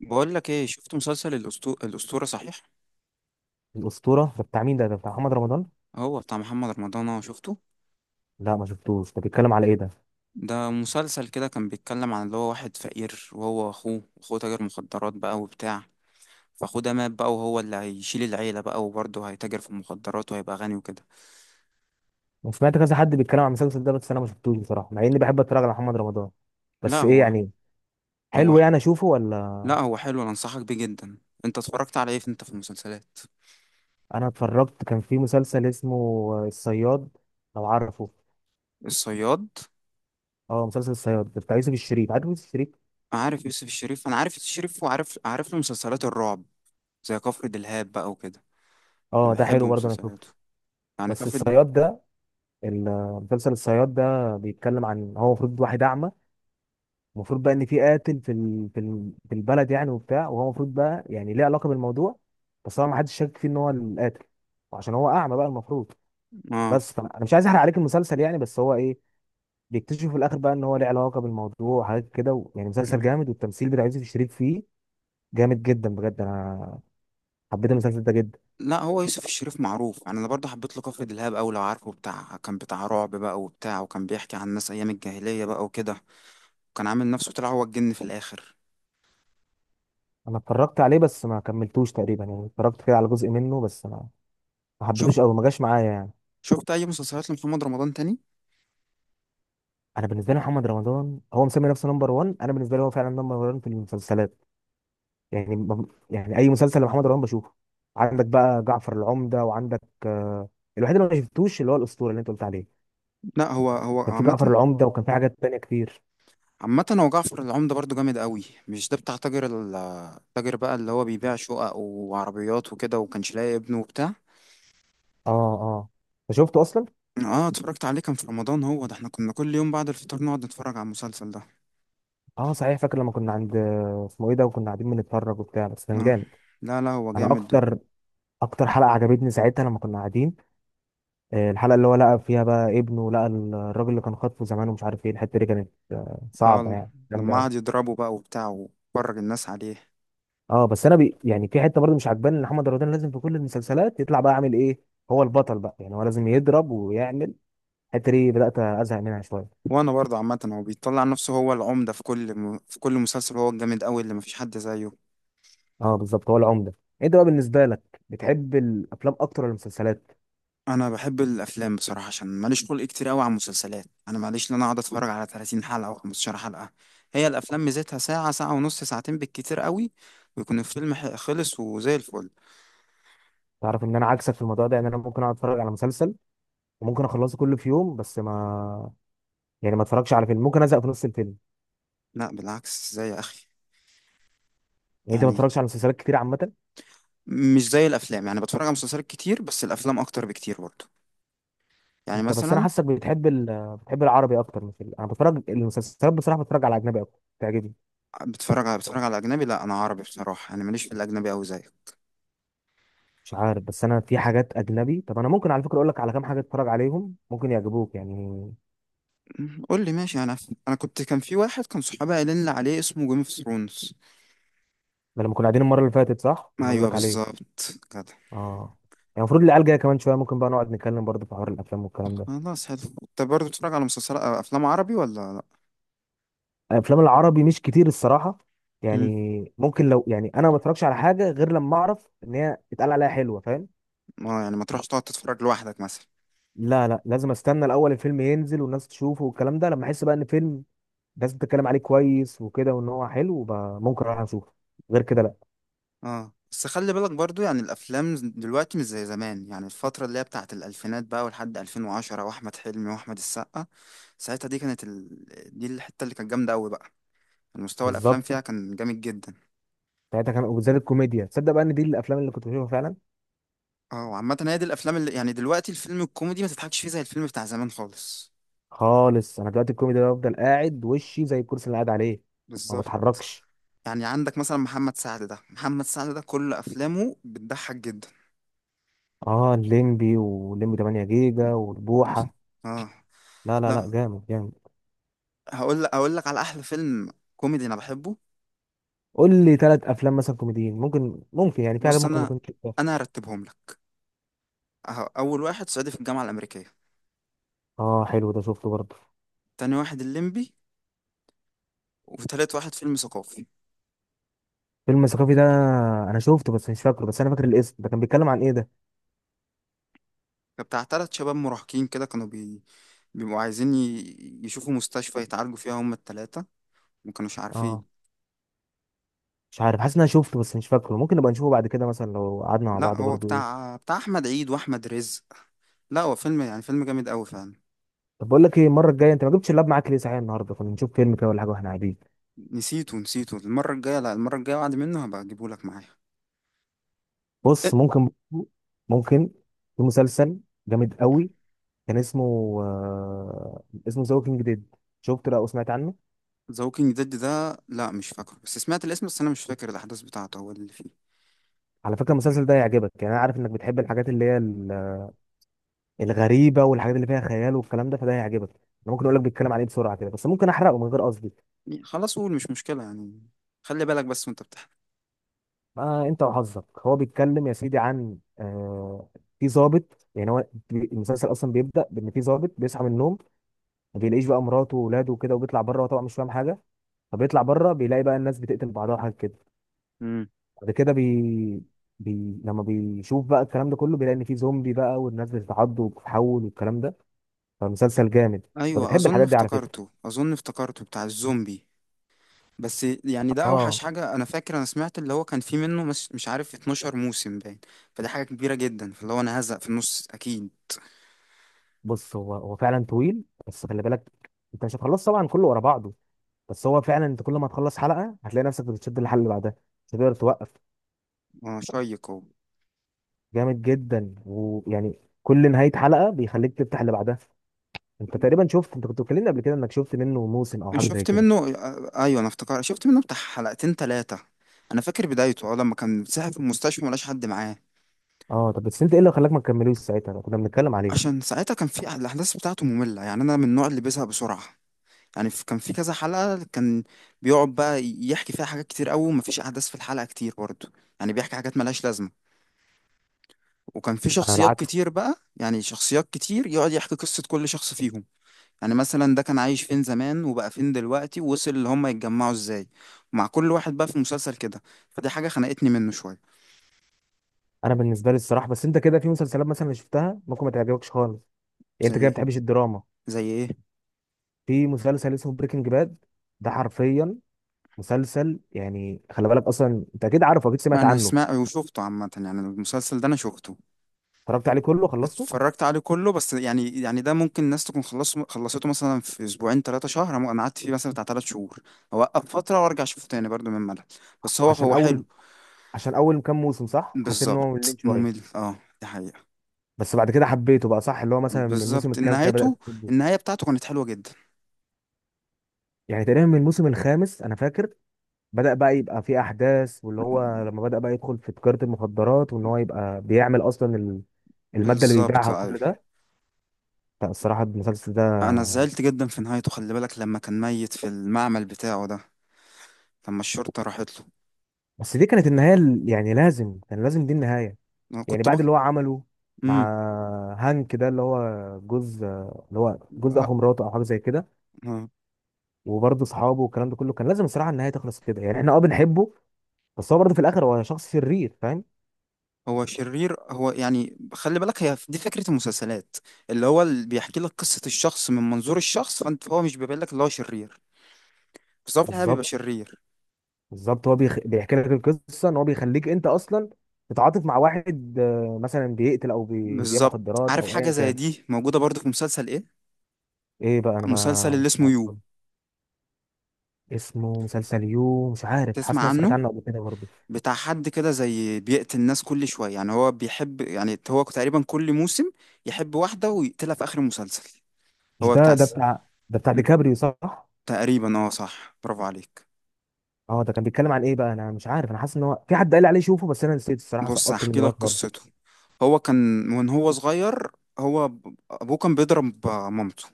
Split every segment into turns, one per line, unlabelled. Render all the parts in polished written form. بقول لك ايه، شفت مسلسل الأسطورة؟ صحيح
الأسطورة ده بتاع مين؟ ده بتاع محمد رمضان.
هو بتاع محمد رمضان، اهو شفته.
لا ما شفتوش، ده بيتكلم على ايه ده؟
ده مسلسل كده كان بيتكلم عن اللي هو واحد فقير، وهو واخوه، واخوه تاجر مخدرات بقى وبتاع. فاخوه ده مات بقى، وهو اللي هيشيل العيلة بقى، وبرضه هيتاجر في المخدرات وهيبقى غني وكده.
انا سمعت كذا حد بيتكلم عن المسلسل ده بس انا ما شفتوش بصراحة، مع اني بحب اتفرج على محمد رمضان.
لا
بس ايه
هو
يعني،
هو
حلو يعني اشوفه ولا؟
لا، هو حلو، انا انصحك بيه جدا. انت اتفرجت على ايه انت في المسلسلات؟
انا اتفرجت كان في مسلسل اسمه الصياد، لو عارفه.
الصياد؟
اه مسلسل الصياد ده بتاع يوسف الشريف، عارف يوسف الشريف؟
عارف يوسف الشريف، انا عارف يوسف الشريف، وعارف له مسلسلات الرعب زي كفر دلهاب بقى وكده. أنا
اه ده
بحب
حلو برضه، انا شفته.
مسلسلاته، يعني
بس الصياد ده، مسلسل الصياد ده بيتكلم عن هو المفروض واحد اعمى. المفروض بقى ان في قاتل في البلد يعني وبتاع، وهو المفروض بقى يعني ليه علاقه بالموضوع، بس هو ما حدش شاك فيه ان هو القاتل وعشان هو اعمى بقى المفروض.
اه.
بس فانا أنا مش عايز احرق عليك المسلسل يعني، بس هو ايه، بيكتشفوا في الاخر بقى ان هو ليه علاقه بالموضوع وحاجات كده يعني مسلسل جامد، والتمثيل بتاع يوسف الشريف فيه جامد جدا بجد. انا حبيت المسلسل ده جدا.
لا، هو يوسف الشريف معروف يعني، انا برضه حبيت له كفر دلهاب أوي لو عارفه، بتاع كان بتاع رعب بقى وبتاع، وكان بيحكي عن الناس ايام الجاهليه بقى وكده، وكان عامل نفسه طلع هو الجن في الاخر.
انا اتفرجت عليه بس ما كملتوش تقريبا، يعني اتفرجت كده على جزء منه بس ما
شوف،
حبيتوش قوي، ما جاش معايا يعني.
شفت اي مسلسلات لمحمد رمضان تاني؟
انا بالنسبه لي محمد رمضان هو مسمي نفسه نمبر 1، انا بالنسبه لي هو فعلا نمبر 1 في المسلسلات. يعني يعني اي مسلسل لمحمد رمضان بشوفه. عندك بقى جعفر العمدة وعندك، الوحيد اللي ما شفتوش اللي هو الاسطورة اللي انت قلت عليه.
لا هو
كان في جعفر
عامه.
العمدة وكان في حاجات تانية كتير.
عامه هو جعفر العمدة برضه جامد أوي، مش ده بتاع تاجر التاجر بقى اللي هو بيبيع شقق وعربيات وكده، وكانش لاقي ابنه وبتاع.
اه اه، انت شفته اصلا؟
اه، اتفرجت عليه، كان في رمضان، هو ده احنا كنا كل يوم بعد الفطار نقعد نتفرج على المسلسل ده.
اه صحيح، فاكر لما كنا عند، اسمه ايه ده، وكنا قاعدين بنتفرج وبتاع، بس كان
اه.
جامد.
لا، هو
انا
جامد.
اكتر اكتر حلقة عجبتني ساعتها لما كنا قاعدين، الحلقة اللي هو لقى فيها بقى ابنه، لقى الراجل اللي كان خاطفه زمان، ومش عارف ايه الحتة دي، كانت صعبة
اه،
يعني، جامدة
لما
أوي.
قعد يضربه بقى وبتاع وفرج الناس عليه.
اه بس يعني في حته برضه مش عجباني، ان محمد رمضان لازم في كل المسلسلات يطلع بقى عامل ايه، هو البطل بقى، يعني هو لازم يضرب ويعمل. الحته دي بدات ازهق منها شويه.
وانا برضه عامه هو بيطلع نفسه هو العمده في كل في كل مسلسل، هو الجامد قوي اللي مفيش حد زيه.
اه بالظبط، هو العمده. انت بقى بالنسبه لك بتحب الافلام اكتر ولا المسلسلات؟
انا بحب الافلام بصراحه، عشان ماليش خلق كتير قوي على المسلسلات، انا ماليش ان انا اقعد اتفرج على 30 حلقه او 15 حلقه. هي الافلام ميزتها ساعه، ساعه ونص، ساعتين بالكتير قوي، ويكون الفيلم خلص وزي الفل.
تعرف ان انا عكسك في الموضوع ده، يعني انا ممكن اقعد اتفرج على مسلسل وممكن اخلصه كله في يوم، بس ما، يعني ما اتفرجش على فيلم، ممكن ازهق في نص الفيلم.
لا بالعكس زي يا اخي.
يعني انت ما
يعني
بتتفرجش على مسلسلات كتير عامه؟
مش زي الافلام، يعني بتفرج على مسلسلات كتير، بس الافلام اكتر بكتير برضه. يعني
انت بس انا
مثلا
حاسك بتحب بتحب العربي اكتر من الفيلم، انا بتفرج المسلسلات بصراحه بتفرج على اجنبي اكتر تعجبني.
بتتفرج على اجنبي؟ لا، انا عربي بصراحه، انا ماليش في الاجنبي قوي زيك.
مش عارف، بس انا في حاجات اجنبي. طب انا ممكن على فكره اقول لك على كام حاجه اتفرج عليهم، ممكن يعجبوك يعني.
قول لي، ماشي. انا كان في واحد كان صحابي قايلين لي عليه، اسمه جيم اوف ثرونز.
ده لما كنا قاعدين المره اللي فاتت، صح؟ ما اقول
ايوه،
لك عليه.
بالظبط كده.
اه، يعني المفروض العيال جايه كمان شويه، ممكن بقى نقعد نتكلم برضه في حوار الافلام والكلام ده.
خلاص، حلو. انت برضه بتتفرج على مسلسلات افلام عربي ولا لا؟
الافلام العربي مش كتير الصراحه،
امم.
يعني ممكن لو، يعني انا ما بتفرجش على حاجه غير لما اعرف ان هي اتقال عليها حلوه، فاهم؟
ما يعني ما تروحش تقعد تتفرج لوحدك مثلا؟
لا لا، لازم استنى الاول الفيلم ينزل والناس تشوفه والكلام ده، لما احس بقى ان فيلم الناس بتتكلم عليه كويس وكده، وان هو حلو بقى، ممكن اروح اشوفه، غير كده لا.
اه، بس خلي بالك برضو، يعني الافلام دلوقتي مش زي زمان، يعني الفتره اللي هي بتاعت الالفينات بقى ولحد 2010، واحمد حلمي واحمد السقا، ساعتها دي الحته اللي كانت جامده قوي بقى، المستوى الافلام
بالظبط،
فيها كان جامد جدا.
ساعتها كان وبالذات الكوميديا، تصدق بقى ان دي الافلام اللي كنت بشوفها فعلا.
اه وعامة هي دي الافلام اللي يعني، دلوقتي الفيلم الكوميدي ما تضحكش فيه زي الفيلم بتاع زمان خالص.
خالص، انا دلوقتي الكوميديا ده بفضل قاعد وشي زي الكرسي اللي قاعد عليه، ما
بالظبط.
بتحركش.
يعني عندك مثلا محمد سعد، ده محمد سعد كل افلامه بتضحك جدا.
اه الليمبي والليمبي 8 جيجا
بس-
والبوحه.
اه.
لا لا
لا،
لا، جامد جامد.
هقول لك على احلى فيلم كوميدي انا بحبه.
قول لي ثلاث افلام مثلا كوميديين ممكن، ممكن يعني، في حاجات
بص
ممكن ما
انا،
كنتش شفتها.
انا هرتبهم لك. اول واحد صعيدي في الجامعه الامريكيه.
اه حلو، ده شفته برضه.
تاني واحد الليمبي. وتالت واحد فيلم ثقافي.
فيلم ثقافي ده، انا شفته بس مش فاكره، بس انا فاكر الاسم ده، كان بيتكلم عن ايه ده؟
ده بتاع تلات شباب مراهقين كده، كانوا بيبقوا عايزين يشوفوا مستشفى يتعالجوا فيها هما التلاتة، وما كانوش
اه
عارفين.
مش عارف، حاسس ان انا شفته بس مش فاكره، ممكن نبقى نشوفه بعد كده مثلا لو قعدنا مع
لا،
بعض
هو
برضه.
بتاع احمد عيد واحمد رزق، لا هو فيلم، يعني فيلم جامد قوي فعلا.
طب بقول لك ايه، المره الجايه انت ما جبتش اللاب معاك ليه؟ صحيح النهارده كنا نشوف فيلم كده ولا حاجه واحنا قاعدين.
نسيته، المره الجايه، لا المره الجايه بعد منه هبقى اجيبه لك معايا.
بص ممكن، ممكن، في مسلسل جامد قوي، كان اسمه، اسمه ذا ووكينج ديد، شفت ده او سمعت عنه؟
ذا ووكينج ديد ده؟ لا مش فاكره، بس سمعت الاسم، بس انا مش فاكر الاحداث بتاعته هو اللي فيه.
على فكره المسلسل ده هيعجبك، يعني انا عارف انك بتحب الحاجات اللي هي الغريبه والحاجات اللي فيها خيال والكلام ده، فده هيعجبك. انا ممكن اقول لك بيتكلم عن ايه بسرعه كده، بس ممكن احرقه من غير قصدي.
يعني خلاص قول مش مشكله يعني، خلي بالك بس وانت بتحكي.
ما انت وحظك، هو بيتكلم يا سيدي عن، في ضابط، يعني هو المسلسل اصلا بيبدا بان في ضابط بيصحى من النوم، ما بيلاقيش بقى مراته واولاده وكده، وبيطلع بره طبعا مش فاهم حاجه، فبيطلع بره بيلاقي بقى الناس بتقتل بعضها وحاجات كده.
امم.
بعد كده لما بيشوف بقى الكلام ده كله، بيلاقي ان في زومبي بقى، والناس بتتعض وبتتحول والكلام ده، فمسلسل جامد. انت
ايوه،
بتحب
اظن
الحاجات دي على فكره.
افتكرته اظن افتكرته بتاع الزومبي. بس يعني ده اوحش
اه
حاجه، انا فاكر انا سمعت اللي هو كان فيه منه مش عارف 12 موسم باين، فدي حاجه كبيره جدا، فاللي هو انا هزق في النص اكيد.
بص، هو فعلا طويل، بس خلي بالك، انت مش هتخلص طبعا كله ورا بعضه، بس هو فعلا انت كل ما تخلص حلقه هتلاقي نفسك بتشد الحلقه اللي بعدها، مش هتقدر توقف.
اه، شيق هو.
جامد جدا، ويعني كل نهايه حلقه بيخليك تفتح اللي بعدها. انت تقريبا شفت، انت كنت بتكلمني قبل كده انك شفت منه موسم او حاجه زي
شفت
كده.
منه ايوه انا افتكر شفت منه بتاع حلقتين ثلاثه، انا فاكر بدايته، اه لما كان ساعة في المستشفى ملاش حد معاه.
اه طب بس انت ايه اللي خلاك ما تكملوش ساعتها، لو كنا بنتكلم عليه؟
عشان ساعتها كان في الاحداث بتاعته ممله، يعني انا من النوع اللي بيزهق بسرعه، يعني كان في كذا حلقه، كان بيقعد بقى يحكي فيها حاجات كتير قوي، ومفيش احداث في الحلقه كتير برضه، يعني بيحكي حاجات ملهاش لازمه، وكان في
انا
شخصيات
العكس.
كتير بقى، يعني شخصيات كتير، يقعد يحكي قصه كل شخص فيهم، يعني مثلا ده كان عايش فين زمان وبقى فين دلوقتي، ووصل اللي هم يتجمعوا ازاي، مع كل واحد بقى في المسلسل كده، فدي حاجة خنقتني منه شوية.
انا بالنسبه لي الصراحه، بس انت كده في مسلسلات مثلا شفتها ممكن ما تعجبكش خالص، يعني
زي
انت كده ما
ايه؟
بتحبش الدراما.
زي ايه؟
في مسلسل اسمه بريكنج باد، ده حرفيا مسلسل يعني، خلي بالك اصلا، انت اكيد عارفه، اكيد
ما
سمعت
انا
عنه.
سمعت وشفته عامة، يعني المسلسل ده انا شفته،
اتفرجت عليه كله، خلصته.
اتفرجت عليه كله، بس يعني ده ممكن الناس تكون خلصته مثلا في اسبوعين ثلاثة شهر، انا قعدت فيه مثلا بتاع 3 شهور، اوقف فترة وارجع اشوفه تاني برضو من ملل، بس هو
عشان
هو
اول
حلو.
عشان اول كام موسم، صح حسيت ان هو مملين
بالظبط،
شويه،
ممل، اه دي حقيقة.
بس بعد كده حبيته بقى، صح؟ اللي هو مثلا من الموسم
بالظبط
الكام كده
نهايته،
بدات تحبه.
النهاية بتاعته كانت حلوة جدا.
يعني تقريبا من الموسم الخامس انا فاكر بدأ بقى يبقى في أحداث، واللي هو لما بدأ بقى يدخل في تجارة المخدرات، وإن هو يبقى بيعمل أصلا المادة اللي بيبيعها
بالظبط
وكل
ايوه.
ده. لا الصراحة المسلسل ده،
انا زعلت جدا في نهايته، خلي بالك لما كان ميت في المعمل بتاعه ده، لما الشرطة راحت له.
بس دي كانت النهاية يعني لازم كان لازم دي النهاية،
انا
يعني
كنت
بعد
بك
اللي هو عمله مع
امم.
هانك، ده اللي هو جوز، اللي هو جوز أخو مراته أو حاجة زي كده، وبرضه أصحابه والكلام ده كله، كان لازم الصراحة النهاية تخلص كده. يعني إحنا أه بنحبه، بس هو برضه في الآخر هو شخص شرير، فاهم؟
هو شرير هو، يعني خلي بالك، هي دي فكرة المسلسلات، اللي هو اللي بيحكي لك قصة الشخص من منظور الشخص، فانت هو مش بيبين لك اللي هو شرير، بس هو في الحقيقة بيبقى
بالظبط،
شرير.
بالظبط. هو بيحكي لك القصه ان هو بيخليك انت اصلا تتعاطف مع واحد، مثلا بيقتل او بيبيع
بالظبط.
مخدرات
عارف
او
حاجة
ايا
زي
كان.
دي موجودة برضه في مسلسل ايه؟
ايه بقى، انا
مسلسل
ما
اللي
مش
اسمه
عارف
يو.
والله. اسمه مسلسل يو، مش عارف، حاسس
تسمع
إن انا سمعت
عنه؟
عنه قبل كده برضه.
بتاع حد كده زي بيقتل الناس كل شوية، يعني هو بيحب، يعني هو تقريبا كل موسم يحب واحدة ويقتلها في آخر المسلسل.
مش
هو
ده
بتاع
ده بتاع، ده بتاع
م-
ديكابريو صح؟
تقريبا اه صح، برافو عليك.
اه ده كان بيتكلم عن ايه بقى، انا مش عارف، انا حاسس ان هو في حد قال لي عليه شوفه بس انا نسيت الصراحه،
بص
سقطت من
هحكي لك
دماغي خالص.
قصته. هو كان وان هو صغير، هو ابوه كان بيضرب مامته،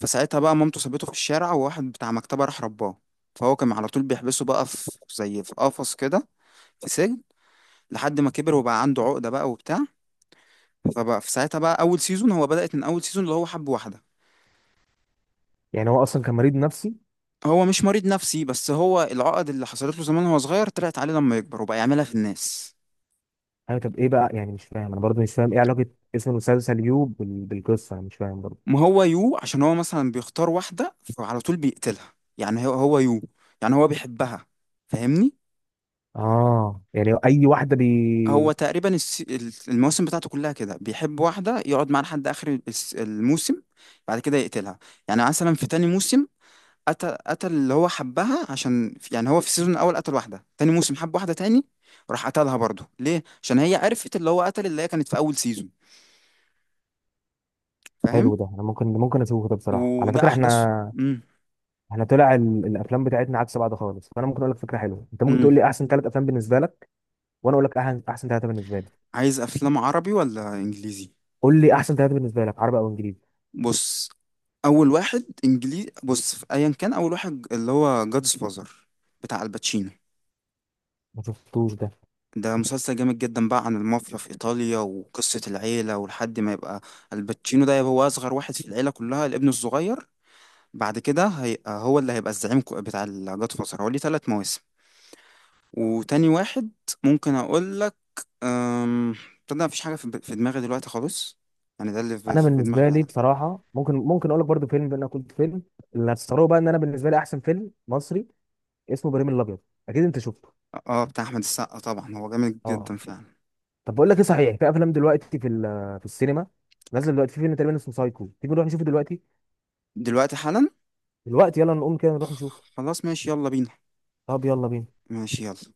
فساعتها بقى مامته سابته في الشارع، وواحد بتاع مكتبة راح رباه، فهو كان على طول بيحبسه بقى في زي في قفص كده، في سجن، لحد ما كبر وبقى عنده عقدة بقى وبتاع، فبقى في ساعتها بقى اول سيزون، هو بدأت من اول سيزون اللي هو حب واحدة.
يعني هو اصلا كان مريض نفسي؟
هو مش مريض نفسي، بس هو العقد اللي حصلت له زمان وهو صغير طلعت عليه لما يكبر وبقى يعملها في الناس.
ايوه طب ايه بقى، يعني مش فاهم، انا برضه مش فاهم ايه علاقه اسم المسلسل يو بالقصه، انا مش فاهم برضه.
ما هو يو عشان هو مثلا بيختار واحدة فعلى طول بيقتلها، يعني هو يو، يعني هو بيحبها، فاهمني؟
اه يعني اي واحده
هو تقريبا المواسم بتاعته كلها كده بيحب واحدة يقعد معاها لحد آخر الموسم، بعد كده يقتلها. يعني مثلا في تاني موسم، قتل اللي هو حبها، عشان يعني هو في السيزون الأول قتل واحدة، تاني موسم حب واحدة تاني، راح قتلها برضه، ليه؟ عشان هي عرفت اللي هو قتل اللي هي كانت في أول سيزون، فاهم؟
حلو، ده انا ممكن، ممكن اشوفه ده بصراحه. على
وده
فكره
احدث.
احنا
امم.
احنا طلع الافلام بتاعتنا عكس بعض خالص، فانا ممكن اقول لك فكره حلوه، انت ممكن
امم.
تقول لي احسن ثلاث افلام بالنسبه لك، وانا اقول لك احسن ثلاثه بالنسبه لي.
عايز افلام عربي ولا انجليزي؟
قول لي احسن ثلاثه بالنسبه لك، عربي او انجليزي.
بص، اول واحد انجليزي، بص في ايا كان، اول واحد اللي هو جادز فازر، بتاع الباتشينو.
ما شفتوش ده.
ده مسلسل جامد جدا بقى عن المافيا في ايطاليا، وقصة العيلة ولحد ما يبقى الباتشينو ده يبقى هو اصغر واحد في العيلة كلها، الابن الصغير، بعد كده هيبقى هو اللي هيبقى الزعيم، بتاع الجاد فازر هو ليه 3 مواسم. وتاني واحد ممكن اقول لك أم... تصدق مفيش حاجه في دماغي دلوقتي خالص، يعني ده اللي في
انا
في دماغي
بالنسبه لي
فعلا.
بصراحه ممكن، ممكن اقول لك برضو فيلم، بان انا كنت فيلم، اللي هتستغربوا بقى ان انا بالنسبه لي احسن فيلم مصري اسمه ابراهيم الابيض، اكيد انت شفته.
اه بتاع احمد السقا طبعا، هو جامد جدا
اه
فعلا.
طب بقول لك ايه صحيح، في افلام دلوقتي في في السينما نازل دلوقتي، في فيلم تقريبا اسمه سايكو، تيجي نروح نشوفه دلوقتي؟
دلوقتي حالا؟
دلوقتي، يلا نقوم كده نروح نشوفه.
خلاص ماشي، يلا بينا.
طب يلا بينا.
ماشي يلا.